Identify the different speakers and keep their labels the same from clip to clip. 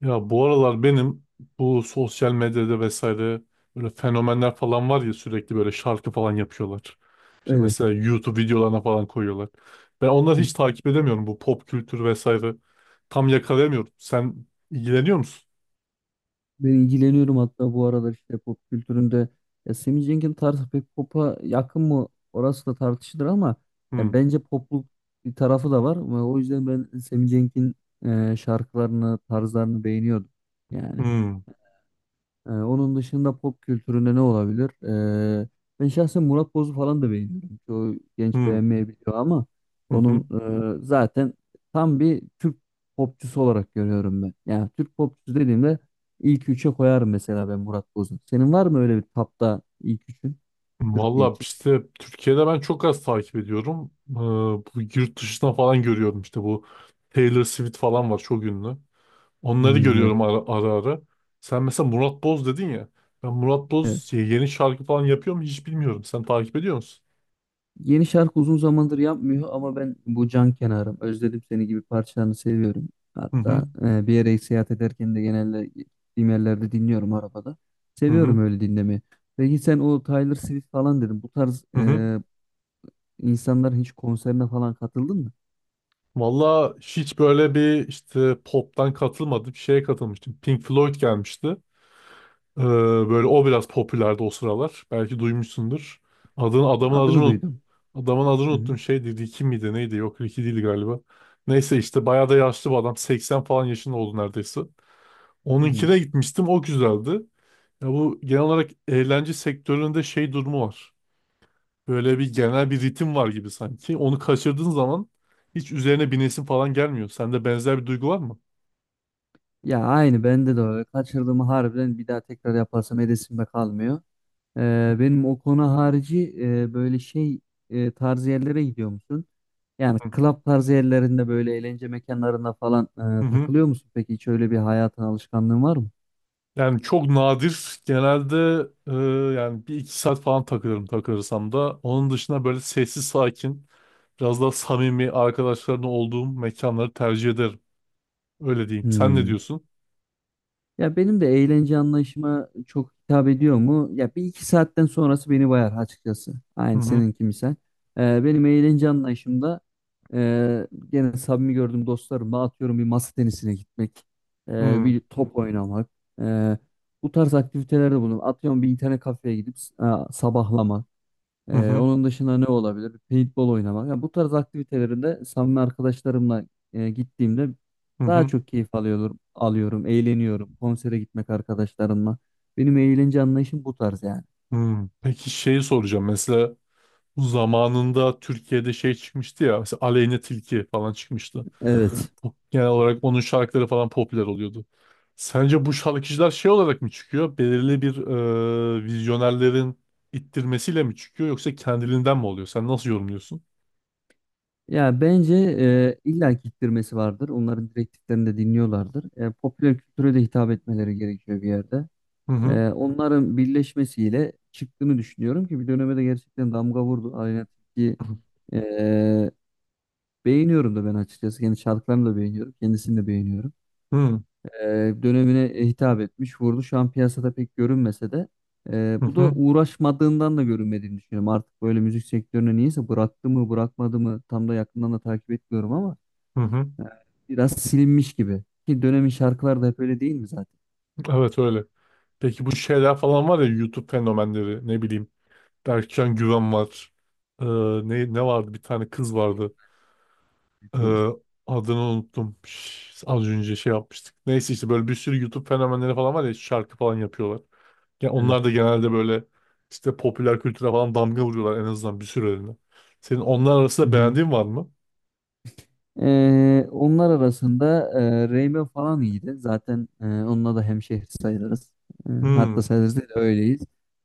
Speaker 1: Ya bu aralar benim bu sosyal medyada vesaire böyle fenomenler falan var ya, sürekli böyle şarkı falan yapıyorlar. İşte
Speaker 2: Evet.
Speaker 1: mesela YouTube videolarına falan koyuyorlar. Ben onları hiç takip edemiyorum, bu pop kültür vesaire. Tam yakalayamıyorum. Sen ilgileniyor musun?
Speaker 2: Ben ilgileniyorum hatta bu aralar işte pop kültüründe. Ya Sammy Jenkins tarzı pek pop'a yakın mı orası da tartışılır ama
Speaker 1: Hmm,
Speaker 2: ya bence popluk bir tarafı da var. Ve o yüzden ben Sammy Jenkins'in şarkılarını, tarzlarını beğeniyordum. Yani.
Speaker 1: hmm,
Speaker 2: Onun dışında pop kültüründe ne olabilir? Ee, Ben şahsen Murat Boz'u falan da beğeniyorum. Çoğu genç
Speaker 1: hmm,
Speaker 2: beğenmeyebiliyor ama
Speaker 1: hı
Speaker 2: onun
Speaker 1: hı.
Speaker 2: zaten tam bir Türk popçusu olarak görüyorum ben. Yani Türk popçusu dediğimde ilk üçe koyarım mesela ben Murat Boz'u. Senin var mı öyle bir tapta ilk üçün Türkiye
Speaker 1: Valla
Speaker 2: için?
Speaker 1: işte Türkiye'de ben çok az takip ediyorum. Bu yurt dışına falan görüyorum, işte bu Taylor Swift falan var, çok ünlü. Onları
Speaker 2: Hmm, evet.
Speaker 1: görüyorum ara ara. Sen mesela Murat Boz dedin ya. Ben Murat
Speaker 2: Evet.
Speaker 1: Boz yeni şarkı falan yapıyor mu hiç bilmiyorum. Sen takip ediyor musun?
Speaker 2: Yeni şarkı uzun zamandır yapmıyor ama ben bu can kenarım, özledim seni gibi parçalarını seviyorum.
Speaker 1: Hı hı.
Speaker 2: Hatta bir yere seyahat ederken de genelde gittiğim yerlerde dinliyorum arabada.
Speaker 1: Hı hı.
Speaker 2: Seviyorum öyle dinlemeyi. Peki sen o Taylor Swift falan dedin. Bu tarz
Speaker 1: Hı hı.
Speaker 2: insanların hiç konserine falan katıldın mı?
Speaker 1: Valla hiç böyle bir işte pop'tan katılmadım. Bir şeye katılmıştım. Pink Floyd gelmişti. Ee, böyle o biraz popülerdi o sıralar. Belki duymuşsundur. Adını, adamın adını
Speaker 2: Adını
Speaker 1: unut-
Speaker 2: duydum.
Speaker 1: Adamın adını
Speaker 2: Hı hı.
Speaker 1: unuttum. Şeydi, Ricky miydi neydi? Yok, Ricky değil galiba. Neyse, işte bayağı da yaşlı bir adam. 80 falan yaşında oldu neredeyse.
Speaker 2: Hı.
Speaker 1: Onunkine gitmiştim. O güzeldi. Ya bu genel olarak eğlence sektöründe şey durumu var. Böyle bir genel bir ritim var gibi sanki. Onu kaçırdığın zaman hiç üzerine binesin falan gelmiyor. Sende benzer bir duygu var mı?
Speaker 2: Ya aynı bende de öyle. Kaçırdığımı harbiden bir daha tekrar yaparsam edesimde kalmıyor. Benim o konu harici böyle şey tarzı yerlere gidiyor musun? Yani
Speaker 1: Hı
Speaker 2: club tarzı yerlerinde böyle eğlence mekanlarında falan
Speaker 1: hı. Hı.
Speaker 2: takılıyor musun? Peki hiç öyle bir hayatın alışkanlığın var mı?
Speaker 1: Yani çok nadir. Genelde e, yani bir iki saat falan takılırım, takılırsam da. Onun dışında böyle sessiz sakin, biraz daha samimi arkadaşlarımla olduğum mekanları tercih ederim. Öyle diyeyim. Sen ne
Speaker 2: Hmm.
Speaker 1: diyorsun?
Speaker 2: Ya benim de eğlence anlayışıma çok hitap ediyor mu? Ya bir iki saatten sonrası beni bayar açıkçası.
Speaker 1: Hı
Speaker 2: Aynı
Speaker 1: hı.
Speaker 2: seninki misal. Benim eğlence anlayışımda e, gene samimi gördüğüm dostlarımla atıyorum bir masa tenisine gitmek,
Speaker 1: Hı hı.
Speaker 2: bir top oynamak, e, bu tarz aktivitelerde bulunuyorum. Atıyorum bir internet kafeye gidip e, sabahlamak.
Speaker 1: Hı hı.
Speaker 2: Onun dışında ne olabilir? Paintball oynamak. Ya bu tarz aktivitelerinde samimi arkadaşlarımla gittiğimde
Speaker 1: Hı
Speaker 2: daha
Speaker 1: hı.
Speaker 2: çok keyif alıyorum, eğleniyorum. Konsere gitmek arkadaşlarımla. Benim eğlence anlayışım bu tarz yani.
Speaker 1: Hı. Peki şeyi soracağım. Mesela bu zamanında Türkiye'de şey çıkmıştı ya, mesela Aleyne Tilki falan çıkmıştı.
Speaker 2: Evet.
Speaker 1: Genel olarak onun şarkıları falan popüler oluyordu. Sence bu şarkıcılar şey olarak mı çıkıyor? Belirli bir vizyonerlerin ittirmesiyle mi çıkıyor, yoksa kendiliğinden mi oluyor? Sen nasıl yorumluyorsun?
Speaker 2: Ya bence illa ki ittirmesi vardır. Onların direktiflerini de dinliyorlardır. Popüler kültüre de hitap etmeleri gerekiyor bir yerde.
Speaker 1: Hı hı.
Speaker 2: Onların birleşmesiyle çıktığını düşünüyorum ki bir döneme de gerçekten damga vurdu. Aleyna Tilki beğeniyorum da ben açıkçası. Kendi şarkılarını da beğeniyorum. Kendisini de beğeniyorum.
Speaker 1: Hı hı,
Speaker 2: Dönemine hitap etmiş, vurdu. Şu an piyasada pek görünmese de bu da
Speaker 1: hı
Speaker 2: uğraşmadığından da görünmediğini düşünüyorum. Artık böyle müzik sektörüne niyeyse bıraktı mı bırakmadı mı tam da yakından da takip etmiyorum ama
Speaker 1: hı. Hı.
Speaker 2: e, biraz silinmiş gibi. Ki dönemin şarkıları da hep öyle değil mi zaten?
Speaker 1: Evet, öyle. Peki bu şeyler falan var ya, YouTube fenomenleri, ne bileyim, Berkcan Güven var. Ee, ne vardı, bir tane kız vardı. Ee,
Speaker 2: Kız.
Speaker 1: adını unuttum. Az önce şey yapmıştık. Neyse, işte böyle bir sürü YouTube fenomenleri falan var ya, şarkı falan yapıyorlar. Ya
Speaker 2: Evet.
Speaker 1: onlar da genelde böyle işte popüler kültüre falan damga vuruyorlar, en azından bir sürelerine. Senin onlar
Speaker 2: Hı
Speaker 1: arasında
Speaker 2: hı.
Speaker 1: beğendiğin var mı?
Speaker 2: Onlar arasında Reyme falan iyiydi. Zaten onunla da hemşehri sayılırız.
Speaker 1: Hmm.
Speaker 2: Hatta sayılırız değil de öyleyiz.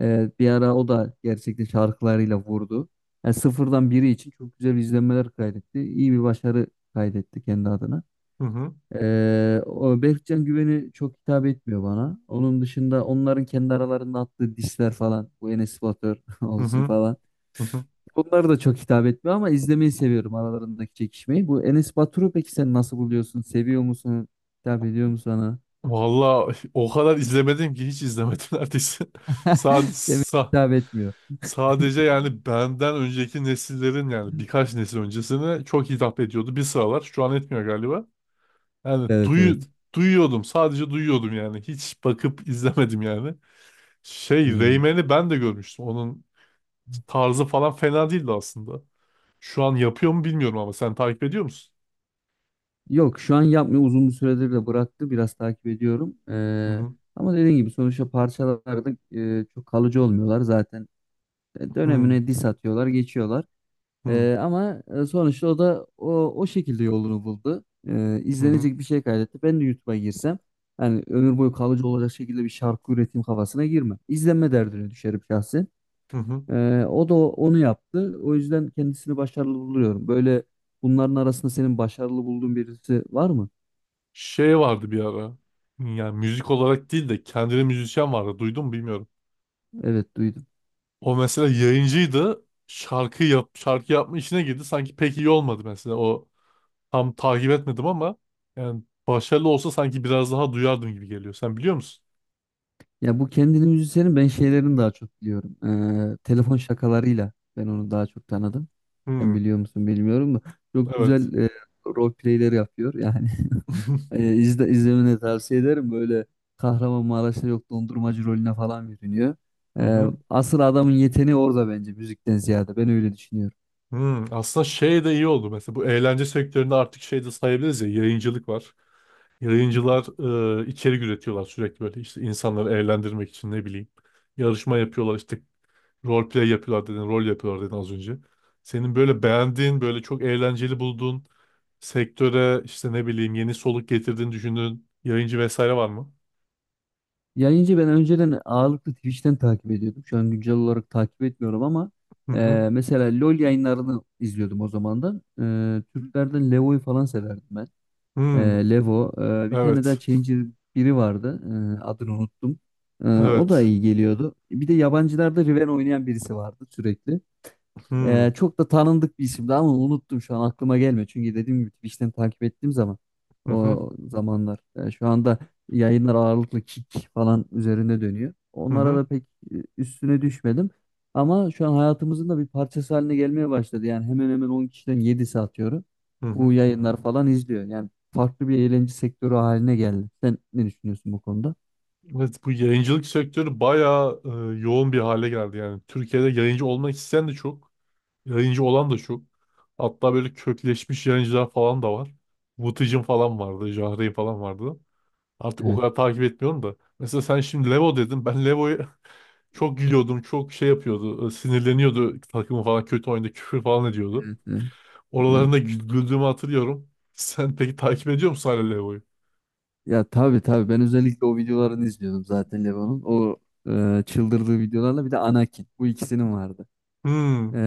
Speaker 2: Bir ara o da gerçekten şarkılarıyla vurdu. Yani sıfırdan biri için çok güzel izlenmeler kaydetti. İyi bir başarı kaydetti kendi adına.
Speaker 1: Hı hı.
Speaker 2: O Berkcan Güven'i çok hitap etmiyor bana. Onun dışında onların kendi aralarında attığı disler falan. Bu Enes Batur
Speaker 1: Hı
Speaker 2: olsun
Speaker 1: hı.
Speaker 2: falan.
Speaker 1: Hı hı.
Speaker 2: Bunlar da çok hitap etmiyor ama izlemeyi seviyorum aralarındaki çekişmeyi. Bu Enes Batur'u peki sen nasıl buluyorsun? Seviyor musun? Hitap ediyor mu sana?
Speaker 1: Valla o kadar izlemedim ki, hiç izlemedim neredeyse.
Speaker 2: Demek
Speaker 1: Sadece,
Speaker 2: ki hitap etmiyor.
Speaker 1: sadece yani benden önceki nesillerin, yani birkaç nesil öncesine çok hitap ediyordu. Bir sıralar, şu an etmiyor galiba. Yani
Speaker 2: Evet,
Speaker 1: duyu,
Speaker 2: evet.
Speaker 1: duyuyordum. Sadece duyuyordum yani. Hiç bakıp izlemedim yani. Şey,
Speaker 2: Hmm.
Speaker 1: Rayman'i ben de görmüştüm. Onun tarzı falan fena değildi aslında. Şu an yapıyor mu bilmiyorum, ama sen takip ediyor musun?
Speaker 2: Yok şu an yapmıyor. Uzun bir süredir de bıraktı. Biraz takip ediyorum.
Speaker 1: Hı hı,
Speaker 2: Ama dediğim gibi sonuçta parçalarda çok kalıcı olmuyorlar zaten.
Speaker 1: hı
Speaker 2: Dönemine diss atıyorlar, geçiyorlar.
Speaker 1: hı,
Speaker 2: Ama sonuçta o da o şekilde yolunu buldu.
Speaker 1: hı hı,
Speaker 2: İzlenecek bir şey kaydetti. Ben de YouTube'a girsem yani ömür boyu kalıcı olacak şekilde bir şarkı üretim kafasına girmem. İzlenme derdine düşerim şahsen.
Speaker 1: hı hı.
Speaker 2: O da onu yaptı. O yüzden kendisini başarılı buluyorum. Böyle bunların arasında senin başarılı bulduğun birisi var mı?
Speaker 1: Şey vardı bir ara. Yani müzik olarak değil de kendine müzisyen vardı. Duydun mu bilmiyorum.
Speaker 2: Evet, duydum.
Speaker 1: O mesela yayıncıydı. Şarkı yap, şarkı yapma işine girdi. Sanki pek iyi olmadı mesela o. Tam takip etmedim ama, yani başarılı olsa sanki biraz daha duyardım gibi geliyor. Sen biliyor musun?
Speaker 2: Ya bu kendini müzisyenin ben şeylerini daha çok biliyorum. Telefon şakalarıyla ben onu daha çok tanıdım. Sen
Speaker 1: Hmm,
Speaker 2: biliyor musun bilmiyorum da çok
Speaker 1: evet.
Speaker 2: güzel role playler yapıyor. Yani izlemeni tavsiye ederim. Böyle Kahramanmaraş'ta yok dondurmacı rolüne falan bürünüyor.
Speaker 1: Hı
Speaker 2: Ee,
Speaker 1: hı.
Speaker 2: Asıl adamın yeteneği orada bence müzikten ziyade. Ben öyle düşünüyorum.
Speaker 1: Hmm, aslında şey de iyi oldu. Mesela bu eğlence sektöründe artık şey de sayabiliriz ya, yayıncılık var. Yayıncılar içerik üretiyorlar sürekli, böyle işte insanları eğlendirmek için, ne bileyim. Yarışma yapıyorlar, işte rol play yapıyorlar dedin, rol yapıyorlar dedin az önce. Senin böyle beğendiğin, böyle çok eğlenceli bulduğun, sektöre işte ne bileyim yeni soluk getirdiğini düşündüğün yayıncı vesaire var mı?
Speaker 2: Yayıncı ben önceden ağırlıklı Twitch'ten takip ediyordum. Şu an güncel olarak takip etmiyorum ama
Speaker 1: Hı hı.
Speaker 2: mesela LoL yayınlarını izliyordum o zamandan. Türklerden Levo'yu falan severdim ben. E,
Speaker 1: Hmm.
Speaker 2: Levo. Bir tane daha
Speaker 1: Evet.
Speaker 2: Challenger biri vardı. Adını unuttum. O da
Speaker 1: Evet.
Speaker 2: iyi geliyordu. Bir de yabancılarda Riven oynayan birisi vardı sürekli.
Speaker 1: Hmm.
Speaker 2: Çok da tanındık bir isimdi ama unuttum şu an aklıma gelmiyor. Çünkü dediğim gibi Twitch'ten takip ettiğim zaman
Speaker 1: Hı
Speaker 2: o
Speaker 1: hı.
Speaker 2: zamanlar şu anda yayınlar ağırlıklı kick falan üzerine dönüyor.
Speaker 1: Hı
Speaker 2: Onlara
Speaker 1: hı.
Speaker 2: da pek üstüne düşmedim. Ama şu an hayatımızın da bir parçası haline gelmeye başladı. Yani hemen hemen 10 kişiden 7'si atıyorum.
Speaker 1: Hı
Speaker 2: Bu
Speaker 1: hı.
Speaker 2: yayınlar falan izliyor. Yani farklı bir eğlence sektörü haline geldi. Sen ne düşünüyorsun bu konuda?
Speaker 1: Evet, bu yayıncılık sektörü bayağı yoğun bir hale geldi yani. Türkiye'de yayıncı olmak isteyen de çok, yayıncı olan da çok. Hatta böyle kökleşmiş yayıncılar falan da var. Vıtıcın falan vardı, Jahre'yi falan vardı. Artık o
Speaker 2: Evet.
Speaker 1: kadar takip etmiyorum da. Mesela sen şimdi Levo dedin. Ben Levo'yu çok gülüyordum, çok şey yapıyordu, sinirleniyordu takımı falan kötü oyunda, küfür falan ediyordu.
Speaker 2: Evet, evet.
Speaker 1: Oralarında güldüğümü hatırlıyorum. Sen peki takip ediyor musun hala Leo'yu?
Speaker 2: Ya tabii tabii ben özellikle o videolarını izliyordum zaten Leon'un. O çıldırdığı videolarla bir de Anakin. Bu ikisinin vardı. E,
Speaker 1: Hmm.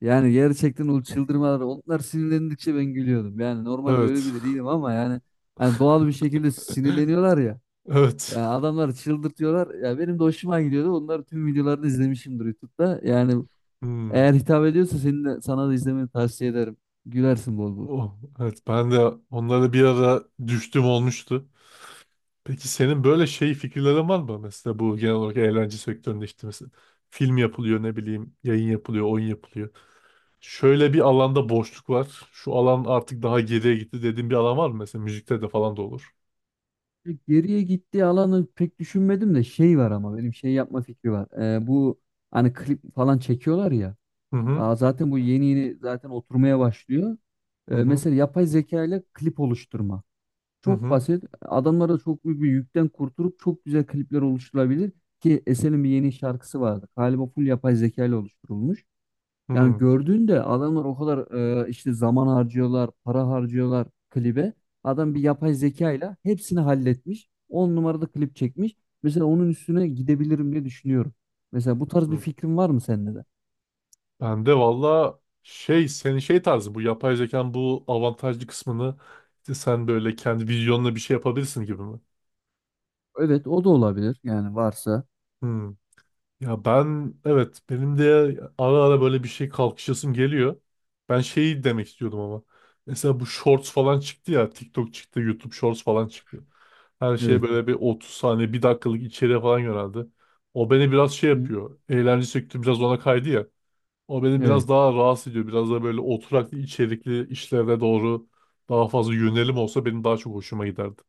Speaker 2: Yani gerçekten o çıldırmaları onlar sinirlendikçe ben gülüyordum. Yani normalde öyle
Speaker 1: Evet.
Speaker 2: biri değilim ama yani hani doğal bir şekilde sinirleniyorlar ya.
Speaker 1: Evet.
Speaker 2: Ya adamları çıldırtıyorlar. Ya benim de hoşuma gidiyordu. Onların tüm videolarını izlemişimdir YouTube'da. Yani
Speaker 1: Hmm.
Speaker 2: eğer hitap ediyorsa senin de, sana da izlemeni tavsiye ederim. Gülersin bol bol.
Speaker 1: Oh, evet, ben de onlara bir ara düştüm, olmuştu. Peki senin böyle şey fikirlerin var mı? Mesela bu genel olarak eğlence sektöründe, işte mesela film yapılıyor, ne bileyim yayın yapılıyor, oyun yapılıyor. Şöyle bir alanda boşluk var. Şu alan artık daha geriye gitti dediğin bir alan var mı? Mesela müzikte de falan da olur.
Speaker 2: Geriye gittiği alanı pek düşünmedim de şey var ama benim şey yapma fikri var. Bu hani klip falan çekiyorlar ya.
Speaker 1: Hı hı.
Speaker 2: Aa, zaten bu yeni yeni zaten oturmaya başlıyor.
Speaker 1: Hı hı.
Speaker 2: Mesela yapay zeka ile klip oluşturma.
Speaker 1: Hı
Speaker 2: Çok
Speaker 1: hı.
Speaker 2: basit. Adamlara çok büyük bir yükten kurtulup çok güzel klipler oluşturulabilir. Ki Esen'in bir yeni şarkısı vardı. Galiba full yapay zeka ile oluşturulmuş. Yani gördüğünde adamlar o kadar işte zaman harcıyorlar, para harcıyorlar klibe. Adam bir yapay zeka ile hepsini halletmiş. On numarada klip çekmiş. Mesela onun üstüne gidebilirim diye düşünüyorum. Mesela bu tarz bir
Speaker 1: Hı.
Speaker 2: fikrin var mı sende de?
Speaker 1: Ben de valla şey, senin şey tarzı bu yapay zekanın bu avantajlı kısmını işte sen böyle kendi vizyonla bir şey yapabilirsin gibi mi?
Speaker 2: Evet o da olabilir yani varsa.
Speaker 1: Hmm. Ya ben, evet, benim de ara ara böyle bir şey kalkışasım geliyor. Ben şeyi demek istiyordum ama. Mesela bu shorts falan çıktı ya, TikTok çıktı, YouTube shorts falan çıktı. Her şeye
Speaker 2: Evet.
Speaker 1: böyle bir 30 saniye bir dakikalık içeriğe falan yöneldi. O beni biraz şey
Speaker 2: Hı.
Speaker 1: yapıyor. Eğlence sektörü biraz ona kaydı ya. O beni
Speaker 2: Evet.
Speaker 1: biraz daha rahatsız ediyor. Biraz da böyle oturaklı içerikli işlere doğru daha fazla yönelim olsa benim daha çok hoşuma giderdi.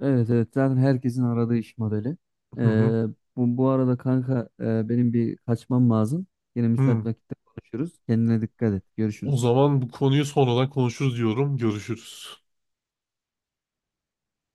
Speaker 2: Evet, evet zaten herkesin aradığı iş modeli.
Speaker 1: Hı hı.
Speaker 2: Ee, Bu, arada kanka benim bir kaçmam lazım. Yine müsait
Speaker 1: Hı.
Speaker 2: vakitte konuşuruz. Kendine dikkat et.
Speaker 1: O
Speaker 2: Görüşürüz.
Speaker 1: zaman bu konuyu sonradan konuşuruz diyorum. Görüşürüz.